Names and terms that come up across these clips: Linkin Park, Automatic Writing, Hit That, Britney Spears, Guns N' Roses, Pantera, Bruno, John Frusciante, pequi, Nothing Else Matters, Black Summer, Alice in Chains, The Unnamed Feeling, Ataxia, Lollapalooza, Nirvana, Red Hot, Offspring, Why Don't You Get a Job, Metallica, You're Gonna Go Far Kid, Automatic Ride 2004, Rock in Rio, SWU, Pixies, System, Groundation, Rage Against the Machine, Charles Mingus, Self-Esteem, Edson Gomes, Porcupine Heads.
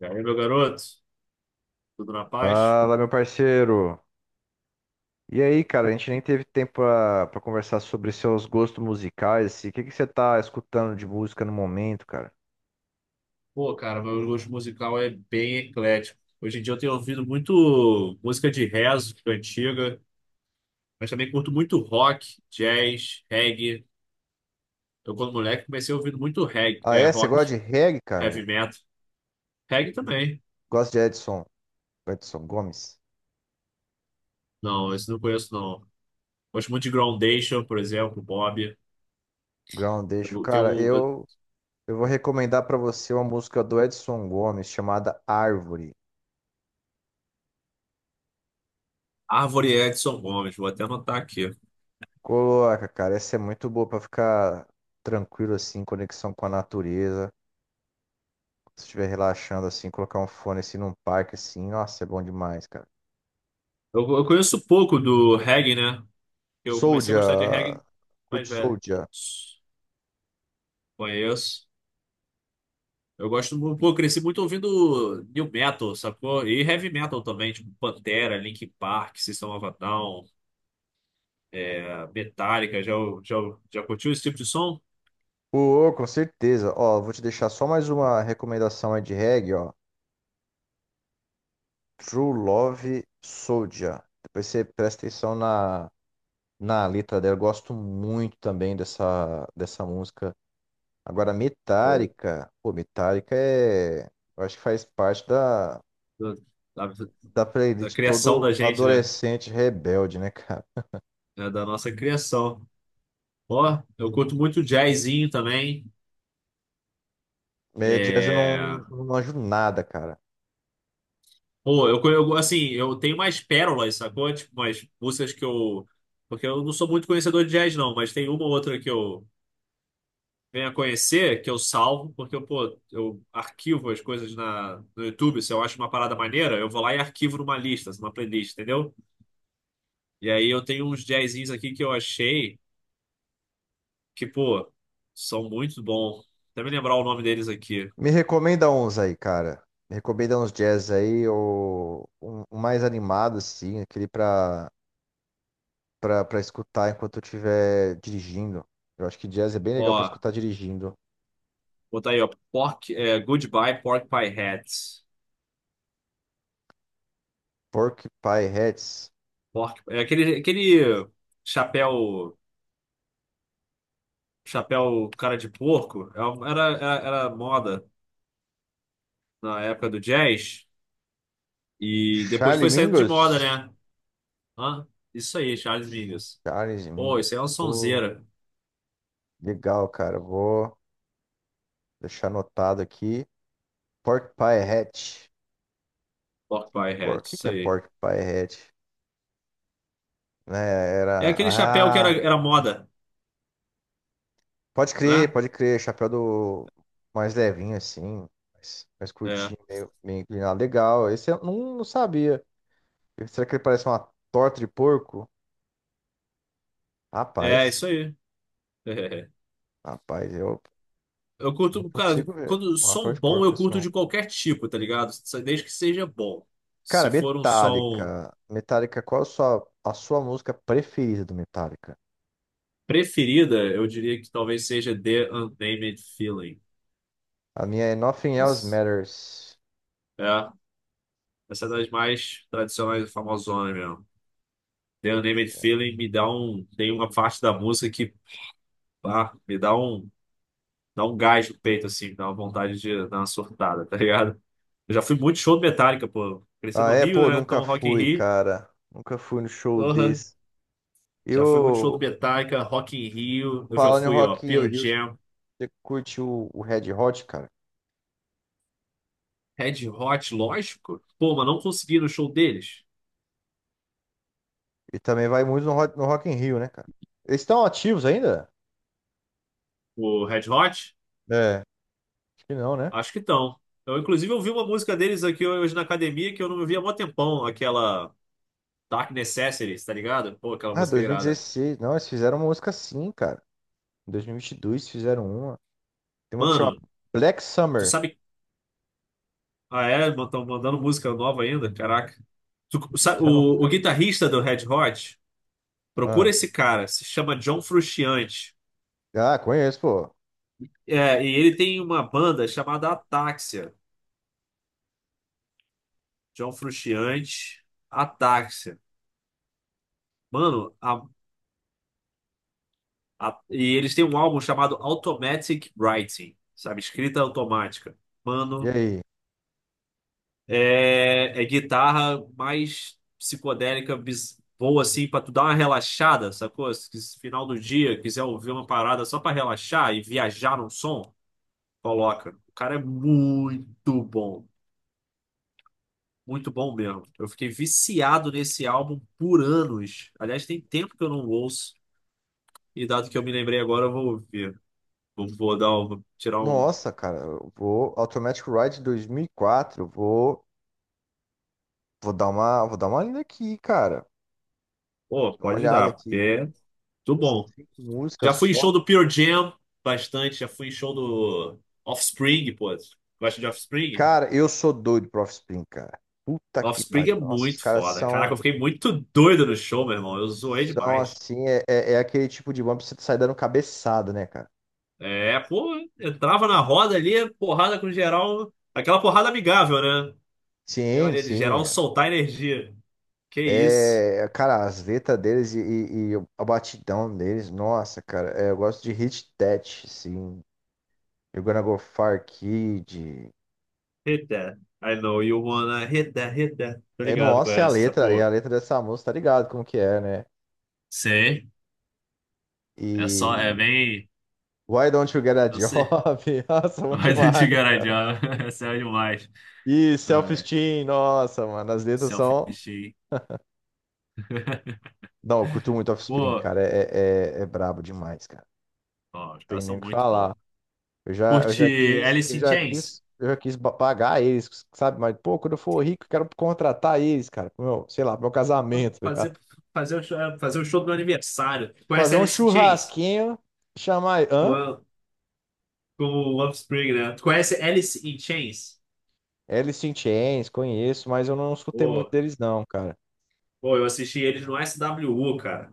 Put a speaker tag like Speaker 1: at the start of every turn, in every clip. Speaker 1: E aí, meu garoto? Tudo na paz?
Speaker 2: Fala, meu parceiro. E aí, cara, a gente nem teve tempo pra conversar sobre seus gostos musicais assim. O que que você tá escutando de música no momento, cara?
Speaker 1: Pô, cara, meu gosto musical é bem eclético. Hoje em dia eu tenho ouvido muito música de rezo, antiga, mas também curto muito rock, jazz, reggae. Eu, quando moleque, comecei ouvindo muito reggae,
Speaker 2: Ah, é? Você gosta
Speaker 1: rock,
Speaker 2: de reggae, cara?
Speaker 1: heavy metal. Reggae também.
Speaker 2: Gosto de Edson, Edson Gomes,
Speaker 1: Não, esse não conheço, não. Gosto muito de Groundation, por exemplo, Bob.
Speaker 2: Groundation.
Speaker 1: Eu tenho um- eu-
Speaker 2: Eu vou recomendar pra você uma música do Edson Gomes chamada Árvore.
Speaker 1: Árvore Edson Gomes, vou até anotar aqui.
Speaker 2: Coloca, cara, essa é muito boa pra ficar tranquilo assim, em conexão com a natureza. Se estiver relaxando assim, colocar um fone assim num parque assim, nossa, é bom demais, cara.
Speaker 1: Eu conheço pouco do reggae, né? Eu comecei a gostar de
Speaker 2: Soldier.
Speaker 1: reggae
Speaker 2: Curte
Speaker 1: mais velho.
Speaker 2: Soldier.
Speaker 1: Conheço. Eu gosto, pô, eu cresci muito ouvindo new metal, sacou? E heavy metal também, tipo Pantera, Linkin Park, System of a Down, Metallica. Já, já curtiu esse tipo de som?
Speaker 2: Ô, com certeza. Ó, vou te deixar só mais uma recomendação aí de reggae, ó. True Love Soldier. Depois você presta atenção na letra dela. Eu gosto muito também dessa música. Agora,
Speaker 1: Ou
Speaker 2: Metallica. Pô, Metallica é. Eu acho que faz parte
Speaker 1: Da, da,
Speaker 2: da
Speaker 1: da
Speaker 2: playlist
Speaker 1: criação da
Speaker 2: todo
Speaker 1: gente, né?
Speaker 2: adolescente rebelde, né, cara?
Speaker 1: É, da nossa criação. Ó, eu curto muito jazzinho também.
Speaker 2: Jazz
Speaker 1: É...
Speaker 2: eu não manjo nada, cara.
Speaker 1: Pô, eu assim, eu tenho mais pérolas, sacou? Tipo, umas músicas que eu... Porque eu não sou muito conhecedor de jazz, não, mas tem uma ou outra que eu venha conhecer, que eu salvo, porque eu, pô, eu arquivo as coisas no YouTube. Se eu acho uma parada maneira, eu vou lá e arquivo numa playlist, entendeu? E aí eu tenho uns jazzinhos aqui que eu achei que, pô, são muito bons. Até me lembrar o nome deles aqui.
Speaker 2: Me recomenda uns aí, cara. Me recomenda uns jazz aí, ou um mais animado, assim, aquele pra escutar enquanto eu estiver dirigindo. Eu acho que jazz é bem legal pra
Speaker 1: Ó,
Speaker 2: escutar dirigindo.
Speaker 1: botar aí, ó. Goodbye Pork Pie Hat.
Speaker 2: Porcupine Heads.
Speaker 1: Pork, é aquele chapéu, chapéu cara de porco. Era moda na época do jazz. E depois
Speaker 2: Charlie
Speaker 1: foi saindo de moda,
Speaker 2: Mingus.
Speaker 1: né? Hã? Isso aí, Charles Mingus.
Speaker 2: Charles
Speaker 1: Pô,
Speaker 2: Mingus.
Speaker 1: isso aí é uma
Speaker 2: Pô,
Speaker 1: sonzeira.
Speaker 2: legal, cara. Vou deixar anotado aqui. Porcupine Head.
Speaker 1: Pork Pie
Speaker 2: Por
Speaker 1: Hat,
Speaker 2: que que
Speaker 1: isso
Speaker 2: é
Speaker 1: aí.
Speaker 2: Porcupine Head? Né,
Speaker 1: É
Speaker 2: era.
Speaker 1: aquele chapéu que era,
Speaker 2: Ah,
Speaker 1: era moda,
Speaker 2: pode crer,
Speaker 1: né?
Speaker 2: pode crer. Chapéu do mais levinho, assim, mais
Speaker 1: É,
Speaker 2: curtinho, meio inclinado. Legal. Esse eu não sabia. Será que ele parece uma torta de porco?
Speaker 1: é
Speaker 2: Rapaz,
Speaker 1: isso aí.
Speaker 2: rapaz, eu
Speaker 1: Eu
Speaker 2: não
Speaker 1: curto, cara,
Speaker 2: consigo ver
Speaker 1: quando
Speaker 2: uma
Speaker 1: som
Speaker 2: torta de
Speaker 1: bom,
Speaker 2: porco
Speaker 1: eu
Speaker 2: isso
Speaker 1: curto
Speaker 2: não.
Speaker 1: de qualquer tipo, tá ligado? Desde que seja bom.
Speaker 2: Cara,
Speaker 1: Se for um som
Speaker 2: Metallica. Metallica, qual a a sua música preferida do Metallica?
Speaker 1: preferida, eu diria que talvez seja The Unnamed Feeling.
Speaker 2: A minha é Nothing Else
Speaker 1: Os-
Speaker 2: Matters.
Speaker 1: É, essa é das mais tradicionais e famosonas mesmo. The Unnamed Feeling me dá um. Tem uma parte da música que, ah, me dá um. Dá um gás no peito, assim, dá uma vontade de dar uma surtada, tá ligado? Eu já fui muito show do Metallica, pô. Cresci
Speaker 2: Ah,
Speaker 1: no
Speaker 2: é,
Speaker 1: Rio,
Speaker 2: pô,
Speaker 1: né?
Speaker 2: nunca
Speaker 1: Então, Rock in
Speaker 2: fui,
Speaker 1: Rio.
Speaker 2: cara. Nunca fui no show
Speaker 1: Porra.
Speaker 2: desse.
Speaker 1: Já fui muito show
Speaker 2: Eu,
Speaker 1: do Metallica, Rock in Rio. Eu já
Speaker 2: falando em
Speaker 1: fui, ó,
Speaker 2: Rock in
Speaker 1: Pearl
Speaker 2: Rio, você
Speaker 1: Jam,
Speaker 2: curte o Red Hot, cara?
Speaker 1: Red Hot, lógico. Pô, mas não consegui ir no show deles.
Speaker 2: E também vai muito no no Rock in Rio, né, cara? Eles estão ativos ainda?
Speaker 1: O Red Hot?
Speaker 2: É, acho que não, né?
Speaker 1: Acho que estão. Eu, inclusive, ouvi uma música deles aqui hoje na academia que eu não ouvia há mó tempão, aquela Dark Necessities, tá ligado? Pô, aquela
Speaker 2: Ah,
Speaker 1: música irada.
Speaker 2: 2016. Não, eles fizeram uma música sim, cara. Em 2022 fizeram uma. Tem uma que chama
Speaker 1: Mano,
Speaker 2: Black
Speaker 1: tu
Speaker 2: Summer.
Speaker 1: sabe. Ah, é? Estão mandando música nova ainda? Caraca.
Speaker 2: Então,
Speaker 1: O
Speaker 2: cara.
Speaker 1: guitarrista do Red Hot, procura
Speaker 2: Ah,
Speaker 1: esse cara, se chama John Frusciante.
Speaker 2: ah, conheço, pô.
Speaker 1: É, e ele tem uma banda chamada Ataxia. John Frusciante, Ataxia. Mano, e eles têm um álbum chamado Automatic Writing, sabe? Escrita automática.
Speaker 2: E
Speaker 1: Mano,
Speaker 2: aí?
Speaker 1: é, é guitarra mais psicodélica, boa assim, pra tu dar uma relaxada, sacou? Se quis- final do dia, quiser ouvir uma parada só pra relaxar e viajar no som, coloca. O cara é muito bom mesmo. Eu fiquei viciado nesse álbum por anos. Aliás, tem tempo que eu não ouço, e dado que eu me lembrei agora, eu vou ouvir. Vou dar um, tirar um.
Speaker 2: Nossa, cara, eu vou Automatic Ride 2004. Vou dar vou dar uma lida aqui, cara.
Speaker 1: Pô,
Speaker 2: Dá uma
Speaker 1: pode
Speaker 2: olhada
Speaker 1: dar, porque
Speaker 2: aqui.
Speaker 1: é tudo bom.
Speaker 2: Cinco músicas
Speaker 1: Já fui em show
Speaker 2: só.
Speaker 1: do Pure Jam bastante, já fui em show do Offspring, pô. Gosta de Offspring?
Speaker 2: Cara, eu sou doido pro Offspring, cara. Puta que
Speaker 1: Offspring é
Speaker 2: pariu. Nossa, os
Speaker 1: muito
Speaker 2: caras
Speaker 1: foda. Caraca,
Speaker 2: são,
Speaker 1: eu fiquei muito doido no show, meu irmão. Eu zoei
Speaker 2: são
Speaker 1: demais.
Speaker 2: assim, é aquele tipo de banda que você sai dando cabeçada, né, cara?
Speaker 1: É, pô, entrava na roda ali, porrada com geral. Aquela porrada amigável, né? Minha
Speaker 2: Sim,
Speaker 1: maneira de geral
Speaker 2: sim.
Speaker 1: soltar energia. Que isso?
Speaker 2: É, cara, as letras deles e a batidão deles, nossa, cara, é, eu gosto de Hit That, sim. You're Gonna Go Far Kid.
Speaker 1: Hit that. I know you wanna hit that, hit that. Tô
Speaker 2: É,
Speaker 1: ligado com
Speaker 2: nossa,
Speaker 1: essa
Speaker 2: é
Speaker 1: porra.
Speaker 2: a letra dessa música, tá ligado como que é, né?
Speaker 1: Sei. É só, é
Speaker 2: E
Speaker 1: bem.
Speaker 2: Why Don't You Get a
Speaker 1: Eu
Speaker 2: Job?
Speaker 1: sei.
Speaker 2: Nossa, bom
Speaker 1: Why don't
Speaker 2: demais.
Speaker 1: you get a job? Essa é demais.
Speaker 2: E
Speaker 1: Ai,
Speaker 2: Self-Esteem, nossa, mano, as letras são.
Speaker 1: selfie.
Speaker 2: Não, eu curto muito Offspring,
Speaker 1: Pô,
Speaker 2: cara. É brabo demais, cara.
Speaker 1: ó, os
Speaker 2: Não tem
Speaker 1: caras
Speaker 2: nem
Speaker 1: são
Speaker 2: o que
Speaker 1: muito
Speaker 2: falar.
Speaker 1: bons. Curte Alice in Chains?
Speaker 2: Eu já quis pagar eles, sabe? Mas, pô, quando eu for rico, eu quero contratar eles, cara. Pro pro meu casamento, tá ligado?
Speaker 1: Fazer, fazer o show do meu aniversário. Tu conhece
Speaker 2: Fazer um
Speaker 1: Alice in Chains?
Speaker 2: churrasquinho, chamar. Hã?
Speaker 1: Com, com o Offspring, né? Tu conhece Alice in Chains?
Speaker 2: Alice in Chains, conheço, mas eu não escutei muito
Speaker 1: Pô,
Speaker 2: deles, não, cara.
Speaker 1: pô, eu assisti eles no SWU, cara.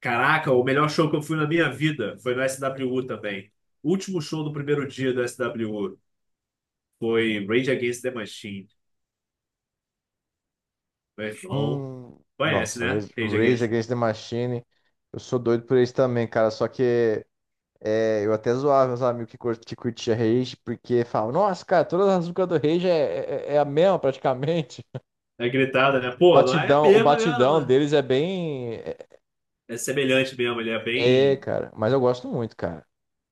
Speaker 1: Caraca, o melhor show que eu fui na minha vida foi no SWU também. O último show do primeiro dia do SWU foi Rage Against the Machine. Meu irmão,
Speaker 2: Hum,
Speaker 1: conhece,
Speaker 2: nossa,
Speaker 1: né? Rage
Speaker 2: Rage
Speaker 1: Against.
Speaker 2: Against the Machine. Eu sou doido por eles também, cara. Só que é, eu até zoava meus amigos que curtia Rage, porque falavam, nossa, cara, todas as músicas do Rage é a mesma praticamente.
Speaker 1: É gritada, né? Pô, não é a
Speaker 2: Batidão, o
Speaker 1: mesma, mesmo, não,
Speaker 2: batidão
Speaker 1: né?
Speaker 2: deles é bem.
Speaker 1: É semelhante mesmo, ele é bem.
Speaker 2: Cara, mas eu gosto muito, cara.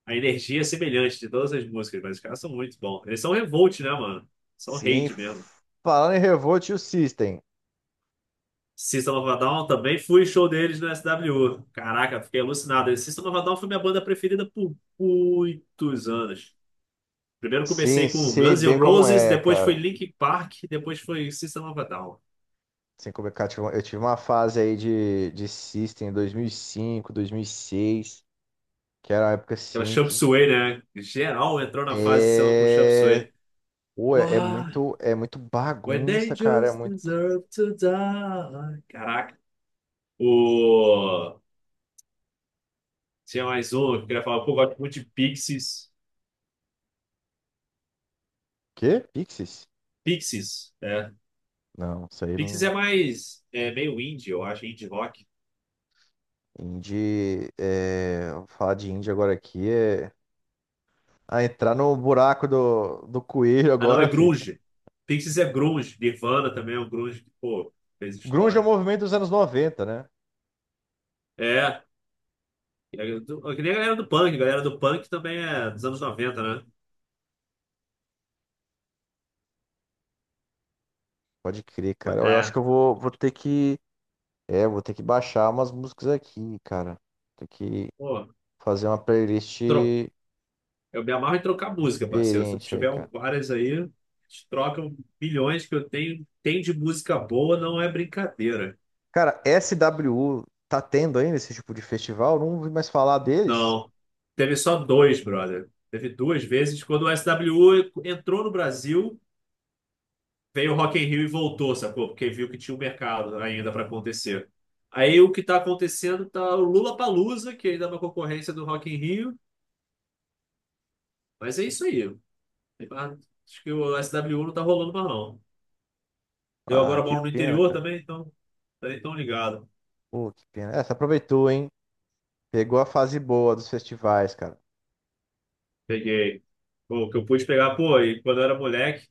Speaker 1: A energia é semelhante de todas as músicas, mas os caras são muito bons. Eles são revolt, né, mano? São
Speaker 2: Sim,
Speaker 1: hate mesmo.
Speaker 2: falando em Revolt e o System.
Speaker 1: System of a Down também fui show deles no SWU. Caraca, fiquei alucinado. System of a Down foi minha banda preferida por muitos anos. Primeiro
Speaker 2: Sim,
Speaker 1: comecei com
Speaker 2: sei
Speaker 1: Guns N'
Speaker 2: bem como
Speaker 1: Roses,
Speaker 2: é,
Speaker 1: depois foi
Speaker 2: cara.
Speaker 1: Linkin Park, depois foi System of a Down.
Speaker 2: Sem complicar, eu tive uma fase aí de System em 2005, 2006, que era uma época
Speaker 1: Aquela
Speaker 2: assim
Speaker 1: Chop
Speaker 2: que.
Speaker 1: Suey, né? Geral entrou na fase de com Chop
Speaker 2: É.
Speaker 1: Suey.
Speaker 2: Pô,
Speaker 1: Uau!
Speaker 2: é muito
Speaker 1: When they
Speaker 2: bagunça, cara. É
Speaker 1: just
Speaker 2: muito.
Speaker 1: deserve to die. Caraca. O... Tinha mais um que eu queria falar. Pô, eu gosto muito de Pixies.
Speaker 2: Quê? Pixies?
Speaker 1: Pixies, é.
Speaker 2: Não, isso aí
Speaker 1: Pixies
Speaker 2: não.
Speaker 1: é mais... É meio indie, eu acho. Indie rock.
Speaker 2: Indie. É... Falar de indie agora aqui é. Ah, entrar no buraco do coelho
Speaker 1: Ah, não. É
Speaker 2: agora, filho.
Speaker 1: grunge. Pixies é grunge. Nirvana também é um grunge que, pô, fez
Speaker 2: Grunge é o
Speaker 1: história.
Speaker 2: movimento dos anos 90, né?
Speaker 1: É. Que nem a galera do punk. A galera do punk também é dos anos noventa, né?
Speaker 2: Pode crer, cara. Eu acho
Speaker 1: É.
Speaker 2: que eu vou, vou ter que. É, vou ter que baixar umas músicas aqui, cara. Tem que
Speaker 1: Pô,
Speaker 2: fazer uma playlist
Speaker 1: eu me amarro em trocar música, parceiro. Se tu
Speaker 2: diferente aí,
Speaker 1: tiver
Speaker 2: cara.
Speaker 1: várias aí, a gente troca bilhões que eu tenho. Tem de música boa, não é brincadeira.
Speaker 2: Cara, SWU tá tendo ainda esse tipo de festival? Não ouvi mais falar deles.
Speaker 1: Não. Teve só dois, brother. Teve duas vezes. Quando o SWU entrou no Brasil, veio o Rock in Rio e voltou, sacou? Porque viu que tinha um mercado ainda para acontecer. Aí o que tá acontecendo tá o Lollapalooza, que ainda é uma concorrência do Rock in Rio. Mas é isso aí. Tem mais- Acho que o SWU não tá rolando mais, não. Eu
Speaker 2: Ah,
Speaker 1: agora
Speaker 2: que
Speaker 1: moro no
Speaker 2: pena,
Speaker 1: interior
Speaker 2: cara.
Speaker 1: também, então tá nem tão ligado.
Speaker 2: Pô, que pena. É, você aproveitou, hein? Pegou a fase boa dos festivais, cara.
Speaker 1: Peguei. O que eu pude pegar, pô, e quando eu era moleque,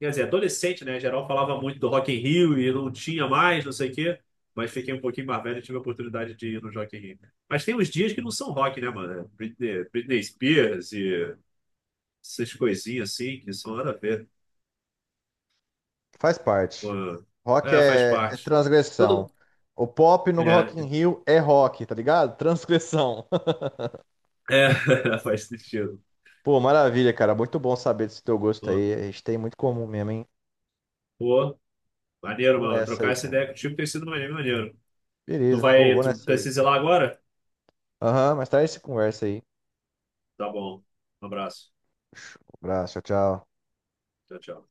Speaker 1: quer dizer, adolescente, né? Geral falava muito do Rock in Rio e não tinha mais, não sei o quê. Mas fiquei um pouquinho mais velho e tive a oportunidade de ir no Rock in Rio. Mas tem uns dias que não são rock, né, mano? É Britney, Britney Spears e essas coisinhas assim que são nada a ver.
Speaker 2: Faz parte.
Speaker 1: Pô,
Speaker 2: Rock
Speaker 1: é, faz
Speaker 2: é, é
Speaker 1: parte.
Speaker 2: transgressão.
Speaker 1: Todo...
Speaker 2: O pop no
Speaker 1: É,
Speaker 2: Rock in Rio é rock, tá ligado? Transgressão.
Speaker 1: faz sentido.
Speaker 2: Pô, maravilha, cara. Muito bom saber desse teu gosto
Speaker 1: Pô,
Speaker 2: aí. A gente tem muito comum mesmo, hein?
Speaker 1: pô, maneiro,
Speaker 2: Vou
Speaker 1: mano.
Speaker 2: nessa
Speaker 1: Trocar
Speaker 2: aí,
Speaker 1: essa
Speaker 2: cara.
Speaker 1: ideia contigo tem sido maneiro. Maneiro. Tu
Speaker 2: Beleza. Ô,
Speaker 1: vai,
Speaker 2: vou
Speaker 1: tu
Speaker 2: nessa aí.
Speaker 1: precisa ir lá agora?
Speaker 2: Aham, mas mais tarde se conversa aí.
Speaker 1: Tá bom. Um abraço.
Speaker 2: Um abraço, tchau, tchau.
Speaker 1: Tchau, tchau.